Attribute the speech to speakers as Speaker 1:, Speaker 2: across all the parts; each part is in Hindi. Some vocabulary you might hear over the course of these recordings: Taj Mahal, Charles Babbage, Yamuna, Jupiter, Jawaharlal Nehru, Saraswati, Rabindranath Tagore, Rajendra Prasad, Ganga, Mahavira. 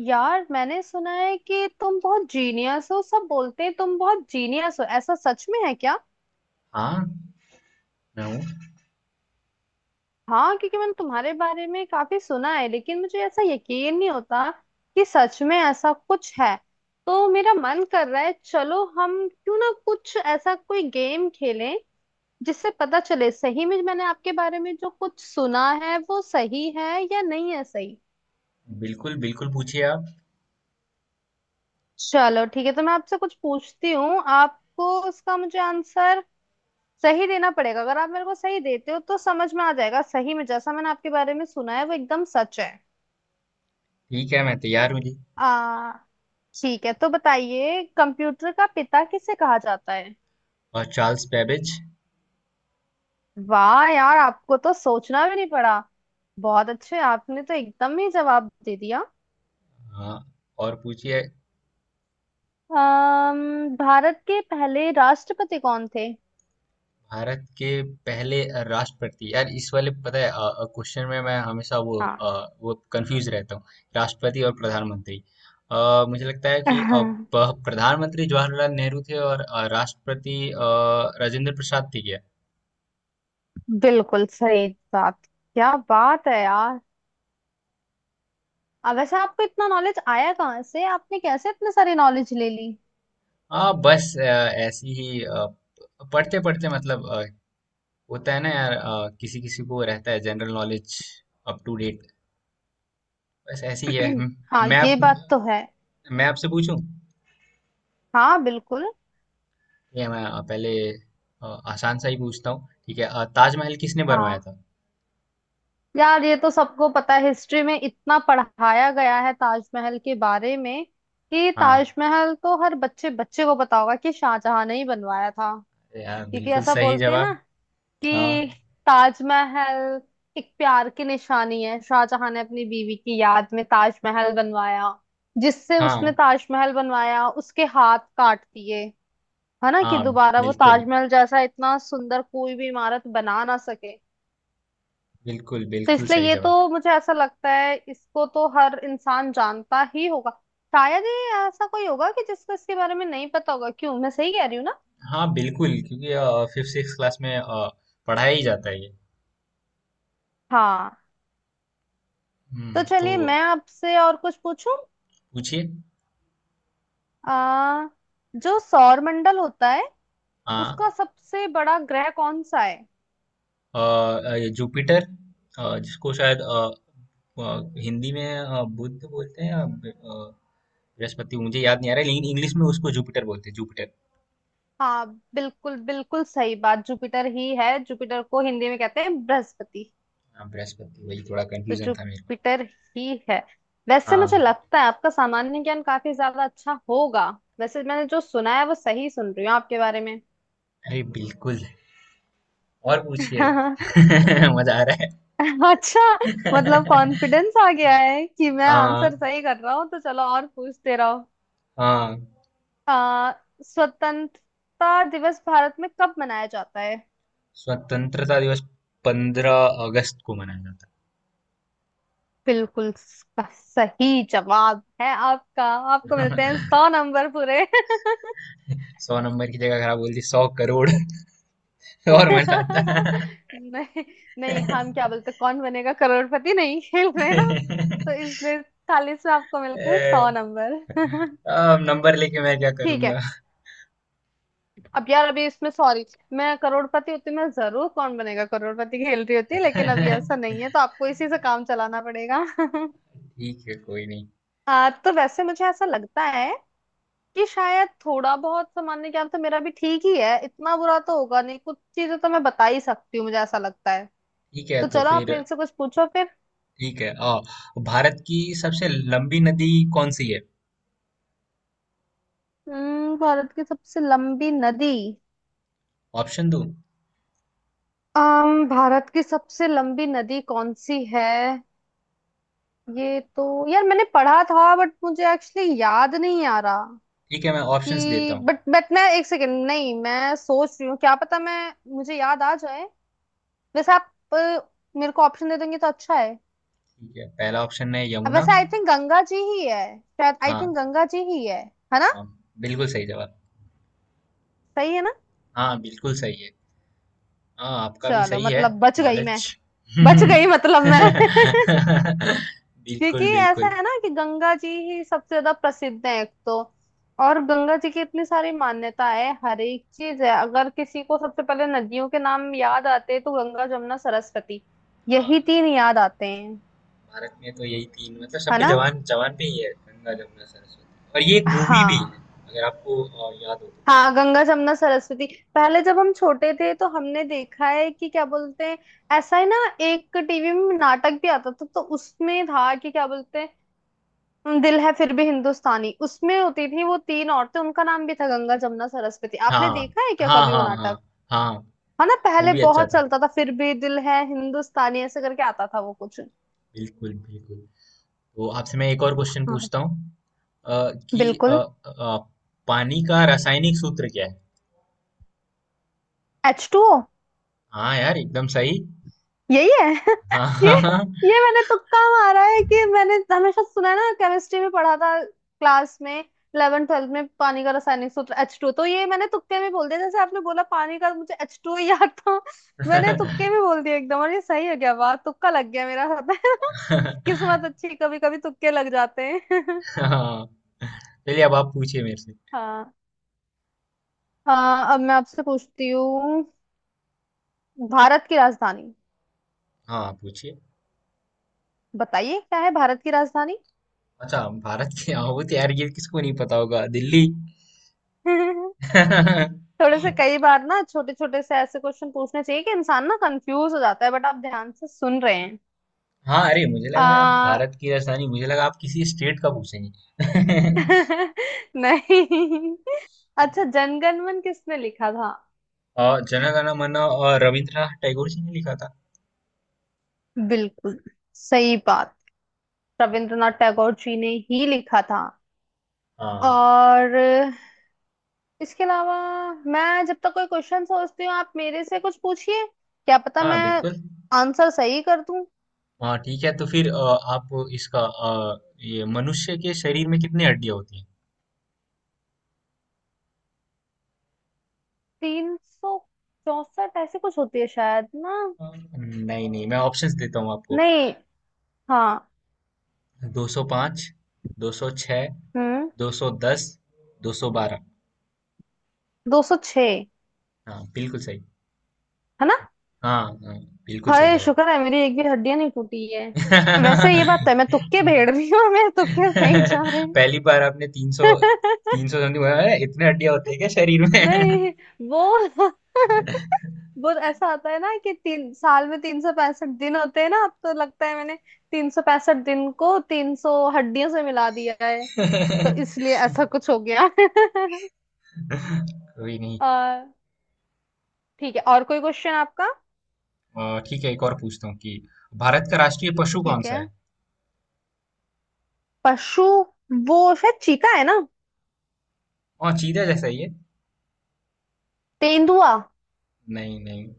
Speaker 1: यार मैंने सुना है कि तुम बहुत जीनियस हो। सब बोलते हैं तुम बहुत जीनियस हो, ऐसा सच में है क्या?
Speaker 2: हाँ। मैं हूँ।
Speaker 1: हाँ, क्योंकि मैंने तुम्हारे बारे में काफी सुना है, लेकिन मुझे ऐसा यकीन नहीं होता कि सच में ऐसा कुछ है। तो मेरा मन कर रहा है, चलो हम क्यों ना कुछ ऐसा कोई गेम खेलें जिससे पता चले सही में मैंने आपके बारे में जो कुछ सुना है वो सही है या नहीं। है सही।
Speaker 2: बिल्कुल बिल्कुल, पूछिए आप।
Speaker 1: चलो ठीक है, तो मैं आपसे कुछ पूछती हूँ, आपको उसका मुझे आंसर सही देना पड़ेगा। अगर आप मेरे को सही देते हो तो समझ में आ जाएगा सही में जैसा मैंने आपके बारे में सुना है वो एकदम सच है।
Speaker 2: ठीक है, मैं तैयार हूँ जी।
Speaker 1: आ ठीक है, तो बताइए कंप्यूटर का पिता किसे कहा जाता है?
Speaker 2: और चार्ल्स बैबेज।
Speaker 1: वाह यार, आपको तो सोचना भी नहीं पड़ा। बहुत अच्छे, आपने तो एकदम ही जवाब दे दिया।
Speaker 2: हाँ, और पूछिए।
Speaker 1: भारत के पहले राष्ट्रपति कौन थे?
Speaker 2: भारत के पहले राष्ट्रपति, यार इस वाले पता है क्वेश्चन में मैं हमेशा वो
Speaker 1: हाँ।
Speaker 2: वो कंफ्यूज रहता हूँ। राष्ट्रपति और प्रधानमंत्री। मुझे लगता है कि प्रधानमंत्री जवाहरलाल नेहरू थे, और राष्ट्रपति राजेंद्र प्रसाद थे क्या?
Speaker 1: बिल्कुल सही बात। क्या बात है यार! अब वैसे आपको इतना नॉलेज आया कहाँ से? आपने कैसे इतने सारी नॉलेज ले ली?
Speaker 2: हाँ बस, ऐसी ही पढ़ते पढ़ते, मतलब होता है ना यार, किसी किसी को रहता है general knowledge up to date, बस ऐसे ही है
Speaker 1: हाँ,
Speaker 2: मैं आप
Speaker 1: ये बात तो है।
Speaker 2: मैं आपसे पूछूं ठीक
Speaker 1: हाँ बिल्कुल।
Speaker 2: है? मैं पहले अ, आसान सा ही पूछता हूँ, ठीक है? ताजमहल किसने बनवाया
Speaker 1: हाँ
Speaker 2: था?
Speaker 1: यार, ये तो सबको पता है, हिस्ट्री में इतना पढ़ाया गया है ताजमहल के बारे में कि
Speaker 2: हाँ,
Speaker 1: ताजमहल तो हर बच्चे बच्चे को पता होगा कि शाहजहां ने ही बनवाया था।
Speaker 2: अरे यार
Speaker 1: क्योंकि
Speaker 2: बिल्कुल
Speaker 1: ऐसा
Speaker 2: सही
Speaker 1: बोलते हैं ना
Speaker 2: जवाब। हाँ,
Speaker 1: कि ताजमहल एक प्यार की निशानी है। शाहजहां ने अपनी बीवी की याद में ताजमहल बनवाया। जिससे
Speaker 2: हाँ,
Speaker 1: उसने ताजमहल बनवाया उसके हाथ काट दिए, है ना, कि
Speaker 2: हाँ।
Speaker 1: दोबारा वो
Speaker 2: बिल्कुल
Speaker 1: ताजमहल जैसा इतना सुंदर कोई भी इमारत बना ना सके।
Speaker 2: बिल्कुल,
Speaker 1: तो
Speaker 2: बिल्कुल
Speaker 1: इसलिए
Speaker 2: सही
Speaker 1: ये
Speaker 2: जवाब।
Speaker 1: तो मुझे ऐसा लगता है इसको तो हर इंसान जानता ही होगा। शायद ही ऐसा कोई होगा कि जिसको इसके बारे में नहीं पता होगा। क्यों, मैं सही कह रही हूँ ना?
Speaker 2: हाँ बिल्कुल, क्योंकि फिफ्थ सिक्स क्लास में पढ़ाया ही जाता है ये।
Speaker 1: हाँ। तो
Speaker 2: हम्म, तो।
Speaker 1: चलिए मैं आपसे और कुछ पूछूं।
Speaker 2: पूछिए।
Speaker 1: आ जो सौर मंडल होता है उसका
Speaker 2: हाँ,
Speaker 1: सबसे बड़ा ग्रह कौन सा है?
Speaker 2: अ ये जुपिटर, जिसको शायद अ, हिंदी में बुध बोलते हैं या बृहस्पति, मुझे याद नहीं आ रहा है, लेकिन इंग्लिश में उसको जुपिटर बोलते हैं, जुपिटर।
Speaker 1: हाँ बिल्कुल, बिल्कुल सही बात, जुपिटर ही है। जुपिटर को हिंदी में कहते हैं बृहस्पति।
Speaker 2: हाँ बृहस्पति, वही थोड़ा
Speaker 1: तो
Speaker 2: कंफ्यूजन था मेरे को।
Speaker 1: जुपिटर ही है। वैसे मुझे
Speaker 2: हाँ,
Speaker 1: लगता है आपका सामान्य ज्ञान काफी ज्यादा अच्छा होगा। वैसे मैंने जो सुना है वो सही सुन रही हूँ आपके बारे में।
Speaker 2: अरे बिल्कुल, और पूछिए। मजा आ रहा है।
Speaker 1: अच्छा। मतलब कॉन्फिडेंस आ गया है कि मैं
Speaker 2: हाँ,
Speaker 1: आंसर सही कर रहा हूँ तो चलो और पूछते रहो।
Speaker 2: हाँ।
Speaker 1: आ, स्वतंत्रता दिवस भारत में कब मनाया जाता है?
Speaker 2: स्वतंत्रता दिवस 15 अगस्त को मनाया जाता
Speaker 1: बिल्कुल सही जवाब है आपका। आपको मिलते हैं
Speaker 2: है।
Speaker 1: 100 नंबर पूरे।
Speaker 2: 100 नंबर की जगह खराब बोल दी, 100 करोड़। और मजा आता।
Speaker 1: नहीं नहीं, हम क्या बोलते, कौन बनेगा करोड़पति नहीं खेल रहे ना। तो इसलिए 40 में आपको मिलते हैं सौ नंबर।
Speaker 2: अब नंबर लेके मैं क्या
Speaker 1: ठीक है।
Speaker 2: करूंगा।
Speaker 1: अब यार, अभी इसमें सॉरी, मैं करोड़पति होती मैं जरूर कौन बनेगा करोड़पति खेल रही होती, लेकिन अभी ऐसा नहीं है तो आपको इसी से काम चलाना पड़ेगा।
Speaker 2: ठीक है, कोई नहीं।
Speaker 1: तो वैसे मुझे ऐसा लगता है कि शायद थोड़ा बहुत सामान्य ज्ञान तो मेरा भी ठीक ही है। इतना बुरा तो होगा नहीं, कुछ चीजें तो मैं बता ही सकती हूँ, मुझे ऐसा लगता है।
Speaker 2: ठीक है
Speaker 1: तो
Speaker 2: तो
Speaker 1: चलो आप
Speaker 2: फिर।
Speaker 1: मेरे से कुछ पूछो।
Speaker 2: ठीक है, भारत की सबसे लंबी नदी कौन सी है?
Speaker 1: भारत की सबसे लंबी नदी।
Speaker 2: ऑप्शन दूं?
Speaker 1: अम भारत की सबसे लंबी नदी कौन सी है? ये तो यार, मैंने पढ़ा था बट मुझे एक्चुअली याद नहीं आ रहा
Speaker 2: ठीक है, मैं ऑप्शंस देता
Speaker 1: कि
Speaker 2: हूँ।
Speaker 1: बट मैं एक सेकेंड, नहीं मैं सोच रही हूँ क्या पता मैं मुझे याद आ जाए। वैसे आप मेरे को ऑप्शन दे देंगे तो अच्छा है।
Speaker 2: ठीक है, पहला ऑप्शन है
Speaker 1: अब
Speaker 2: यमुना।
Speaker 1: वैसे आई थिंक गंगा जी ही है शायद, आई
Speaker 2: हाँ।
Speaker 1: थिंक गंगा जी ही है ना?
Speaker 2: हाँ, बिल्कुल सही जवाब।
Speaker 1: सही है ना?
Speaker 2: हाँ, बिल्कुल सही है। हाँ, आपका भी
Speaker 1: चलो
Speaker 2: सही है।
Speaker 1: मतलब बच गई मैं,
Speaker 2: नॉलेज।
Speaker 1: बच गई मतलब मैं। क्योंकि
Speaker 2: बिल्कुल
Speaker 1: ऐसा
Speaker 2: बिल्कुल।
Speaker 1: है ना कि गंगा जी ही सबसे ज्यादा प्रसिद्ध है एक तो, और गंगा जी की इतनी सारी मान्यता है, हर एक चीज है। अगर किसी को सबसे पहले नदियों के नाम याद आते हैं तो गंगा जमुना सरस्वती, यही
Speaker 2: हाँ,
Speaker 1: तीन याद आते हैं,
Speaker 2: भारत में तो यही तीन, मतलब
Speaker 1: है
Speaker 2: सबके
Speaker 1: ना?
Speaker 2: जवान जवान पे ही है गंगा जमुना सरस्वती, और ये एक मूवी भी है।
Speaker 1: हाँ।
Speaker 2: अगर आपको याद हो तो।
Speaker 1: हाँ गंगा जमुना सरस्वती, पहले जब हम छोटे थे तो हमने देखा है, कि क्या बोलते हैं, ऐसा ही ना, एक टीवी में नाटक भी आता था, तो उसमें था, कि क्या बोलते हैं, दिल है फिर भी हिंदुस्तानी। उसमें होती थी वो तीन औरतें, उनका नाम भी था गंगा जमुना सरस्वती। आपने
Speaker 2: हाँ,
Speaker 1: देखा है क्या
Speaker 2: हाँ,
Speaker 1: कभी वो
Speaker 2: हाँ। हाँ,
Speaker 1: नाटक?
Speaker 2: हाँ।
Speaker 1: है ना,
Speaker 2: वो
Speaker 1: पहले
Speaker 2: भी अच्छा
Speaker 1: बहुत
Speaker 2: था।
Speaker 1: चलता था। फिर भी दिल है हिंदुस्तानी, ऐसे करके आता था वो कुछ।
Speaker 2: बिल्कुल बिल्कुल। तो आपसे मैं एक और क्वेश्चन
Speaker 1: हाँ
Speaker 2: पूछता हूँ, कि
Speaker 1: बिल्कुल।
Speaker 2: अ, पानी का रासायनिक सूत्र क्या है?
Speaker 1: H two O.
Speaker 2: हाँ यार, एकदम सही।
Speaker 1: यही है। ये ये मैंने तुक्का मारा है, कि मैंने हमेशा सुना है ना, केमिस्ट्री में पढ़ा था क्लास में 11 ट्वेल्थ में पानी का रासायनिक सूत्र एच टू, तो ये मैंने तुक्के में बोल दिया। जैसे आपने बोला पानी का, मुझे एच टू याद था, मैंने
Speaker 2: हाँ।
Speaker 1: तुक्के में बोल दिया एकदम। और ये सही है क्या? वाह तुक्का लग गया मेरा। पता है ना? किस्मत अच्छी, कभी कभी तुक्के लग जाते हैं।
Speaker 2: हाँ। चलिए, अब आप पूछिए मेरे से।
Speaker 1: हाँ। हाँ अब मैं आपसे पूछती हूँ भारत की राजधानी,
Speaker 2: हाँ, आप पूछिए।
Speaker 1: बताइए क्या है भारत की राजधानी?
Speaker 2: अच्छा, भारत की आहूत यार, ये किसको नहीं पता होगा? दिल्ली।
Speaker 1: थोड़े से कई बार ना छोटे छोटे से ऐसे क्वेश्चन पूछने चाहिए कि इंसान ना कंफ्यूज हो जाता है, बट आप ध्यान से सुन रहे हैं।
Speaker 2: हाँ, अरे मुझे लगा यार
Speaker 1: आ...
Speaker 2: भारत की राजधानी, मुझे लगा आप किसी स्टेट का पूछेंगे।
Speaker 1: नहीं। अच्छा जनगणमन किसने लिखा था?
Speaker 2: और जन गण मन, और रविंद्रनाथ टैगोर जी ने लिखा था।
Speaker 1: बिल्कुल सही बात। रविंद्रनाथ टैगोर जी ने ही लिखा था।
Speaker 2: हाँ।
Speaker 1: और इसके अलावा, मैं जब तक कोई क्वेश्चन सोचती हूँ आप मेरे से कुछ पूछिए, क्या पता
Speaker 2: हाँ
Speaker 1: मैं
Speaker 2: बिल्कुल।
Speaker 1: आंसर सही कर दूं।
Speaker 2: हाँ ठीक है, तो फिर आप इसका अ, ये मनुष्य के शरीर में कितनी हड्डियां होती हैं?
Speaker 1: 364 ऐसे कुछ होती है शायद ना?
Speaker 2: नहीं नहीं, मैं ऑप्शंस देता हूँ आपको।
Speaker 1: नहीं। हाँ।
Speaker 2: 205, 206,
Speaker 1: हम्म
Speaker 2: 210, 212।
Speaker 1: 206।
Speaker 2: हाँ, बिल्कुल सही।
Speaker 1: है ना?
Speaker 2: हाँ, हाँ, बिल्कुल सही
Speaker 1: हाय
Speaker 2: जवाब।
Speaker 1: शुक्र है मेरी एक भी हड्डियां नहीं टूटी है। वैसे ये बात है मैं तुक्के भेड़ रही हूँ, मेरे तुक्के सही जा रहे हैं।
Speaker 2: पहली बार आपने 300, 300 समथिंग बोला। अरे, इतने हड्डियां होती है क्या शरीर में?
Speaker 1: नहीं, वो, वो ऐसा आता है ना कि 3 साल में 365 दिन होते हैं ना, अब तो लगता है मैंने 365 दिन को 300 हड्डियों से मिला दिया है, तो इसलिए ऐसा कुछ हो गया।
Speaker 2: कोई नहीं।
Speaker 1: आ, ठीक है, और कोई क्वेश्चन आपका?
Speaker 2: ठीक है, एक और पूछता हूँ कि भारत का राष्ट्रीय पशु कौन
Speaker 1: ठीक है।
Speaker 2: सा है?
Speaker 1: पशु, वो शायद चीता है ना,
Speaker 2: और चीता जैसा ही है।
Speaker 1: तेंदुआ?
Speaker 2: नहीं नहीं।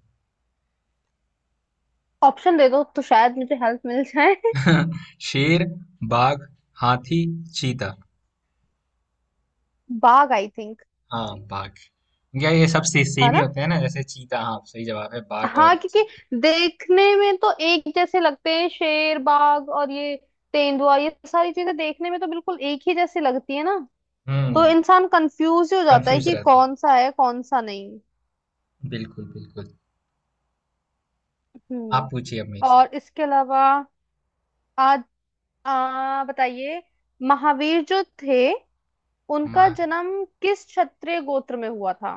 Speaker 1: ऑप्शन दे दो तो शायद मुझे हेल्प मिल जाए।
Speaker 2: शेर, बाघ, हाथी, चीता।
Speaker 1: बाघ आई थिंक?
Speaker 2: हाँ बाघ। क्या ये
Speaker 1: है
Speaker 2: सेम ही
Speaker 1: ना?
Speaker 2: होते हैं ना, जैसे चीता। हाँ, सही जवाब है बाघ, और
Speaker 1: हाँ,
Speaker 2: ये
Speaker 1: क्योंकि
Speaker 2: चीता।
Speaker 1: देखने में तो एक जैसे लगते हैं शेर बाघ और ये, तेंदुआ, ये सारी चीजें देखने में तो बिल्कुल एक ही जैसी लगती है ना, तो
Speaker 2: हम्म
Speaker 1: इंसान कंफ्यूज हो जाता है
Speaker 2: कंफ्यूज
Speaker 1: कि
Speaker 2: रहता
Speaker 1: कौन सा है कौन सा नहीं।
Speaker 2: है, बिल्कुल बिल्कुल। आप
Speaker 1: हम्म
Speaker 2: पूछिए अब मेरे से।
Speaker 1: और इसके अलावा, आज, बताइए, महावीर जो थे उनका
Speaker 2: महा,
Speaker 1: जन्म किस क्षत्रिय गोत्र में हुआ था?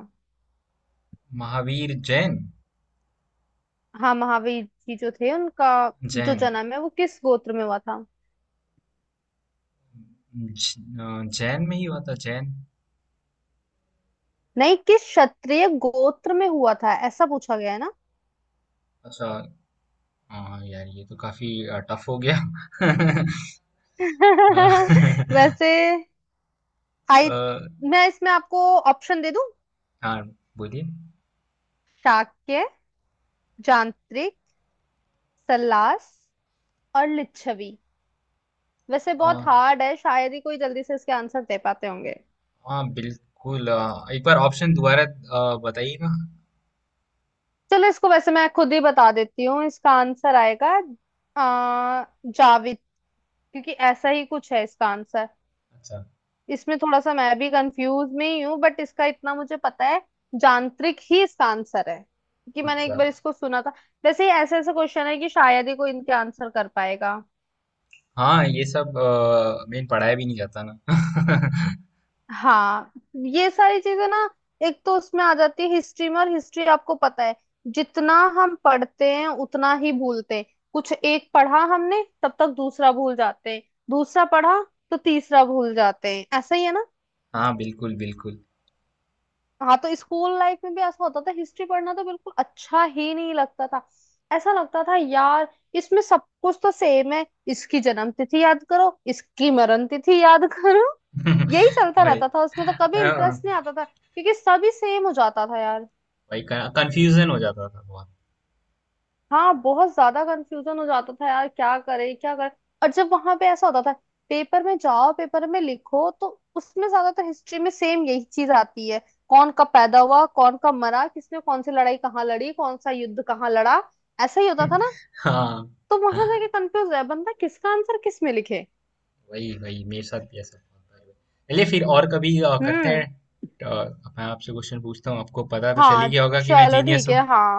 Speaker 2: महावीर जैन।
Speaker 1: हाँ महावीर जी जो थे उनका जो
Speaker 2: जैन।
Speaker 1: जन्म है वो किस गोत्र में हुआ था?
Speaker 2: जैन में ही हुआ था, जैन।
Speaker 1: नहीं, किस क्षत्रिय गोत्र में हुआ था ऐसा पूछा गया है ना।
Speaker 2: अच्छा। हाँ यार, ये तो काफी टफ हो गया।
Speaker 1: वैसे
Speaker 2: अ,
Speaker 1: हाइट, मैं इसमें आपको ऑप्शन दे दूं।
Speaker 2: हाँ, बोलिए।
Speaker 1: शाक्य, जानत्रिक, सल्लास और लिच्छवी। वैसे बहुत
Speaker 2: अ,
Speaker 1: हार्ड है, शायद ही कोई जल्दी से इसके आंसर दे पाते होंगे।
Speaker 2: हाँ बिल्कुल, एक बार ऑप्शन दोबारा बताइएगा।
Speaker 1: चलो इसको वैसे मैं खुद ही बता देती हूँ, इसका आंसर आएगा जाविद, क्योंकि ऐसा ही कुछ है इसका आंसर।
Speaker 2: अच्छा।
Speaker 1: इसमें थोड़ा सा मैं भी कंफ्यूज में ही हूँ बट इसका इतना मुझे पता है यांत्रिक ही इसका आंसर है, क्योंकि मैंने एक
Speaker 2: अच्छा।
Speaker 1: बार इसको सुना था। वैसे ऐसे ऐसे क्वेश्चन है कि शायद ही कोई इनके आंसर कर पाएगा।
Speaker 2: हाँ ये सब मेन पढ़ाई भी नहीं करता ना।
Speaker 1: हाँ, ये सारी चीजें ना, एक तो उसमें आ जाती है हिस्ट्री में, और हिस्ट्री आपको पता है जितना हम पढ़ते हैं उतना ही भूलते हैं। कुछ एक पढ़ा हमने तब तक दूसरा भूल जाते हैं, दूसरा पढ़ा तो तीसरा भूल जाते हैं, ऐसा ही है ना।
Speaker 2: हाँ बिल्कुल बिल्कुल।
Speaker 1: हाँ, तो स्कूल लाइफ में भी ऐसा होता था, हिस्ट्री पढ़ना तो बिल्कुल अच्छा ही नहीं लगता था। ऐसा लगता था यार, इसमें सब कुछ तो सेम है, इसकी जन्म तिथि याद करो, इसकी मरण तिथि याद करो, यही चलता
Speaker 2: भाई।
Speaker 1: रहता था उसमें, तो कभी
Speaker 2: हाँ
Speaker 1: इंटरेस्ट नहीं आता था क्योंकि सभी सेम हो जाता था यार।
Speaker 2: भाई, कंफ्यूजन हो जाता था बहुत।
Speaker 1: हाँ बहुत ज्यादा कंफ्यूजन हो जाता था यार, क्या करे क्या करे? और जब वहां पे ऐसा होता था, पेपर में जाओ पेपर में लिखो तो उसमें ज्यादातर हिस्ट्री में सेम यही चीज आती है, कौन कब पैदा हुआ कौन कब मरा, किसने कौन सी लड़ाई कहाँ लड़ी, कौन सा युद्ध कहाँ लड़ा, ऐसा ही होता था ना।
Speaker 2: हाँ,
Speaker 1: तो वहां जाके कंफ्यूज है बंदा किसका आंसर किस में लिखे।
Speaker 2: वही वही मेरे साथ भी ऐसा बहुत बार हुआ। चलिए, फिर और कभी करते हैं।
Speaker 1: हम्म,
Speaker 2: मैं आपसे क्वेश्चन पूछता हूँ, आपको पता तो चल
Speaker 1: हाँ
Speaker 2: ही गया होगा कि मैं
Speaker 1: चलो
Speaker 2: जीनियस
Speaker 1: ठीक
Speaker 2: हूँ।
Speaker 1: है हाँ।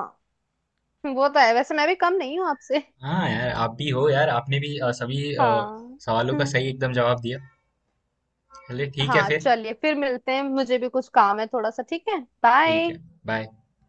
Speaker 1: वो तो है, वैसे मैं भी कम नहीं हूँ आपसे।
Speaker 2: हाँ यार, आप भी हो यार, आपने भी सभी
Speaker 1: हाँ।
Speaker 2: सवालों का
Speaker 1: हम्म,
Speaker 2: सही एकदम जवाब दिया। चलिए, ठीक है
Speaker 1: हाँ
Speaker 2: फिर।
Speaker 1: चलिए फिर मिलते हैं, मुझे भी कुछ काम है थोड़ा सा, ठीक है,
Speaker 2: ठीक
Speaker 1: बाय।
Speaker 2: है, बाय।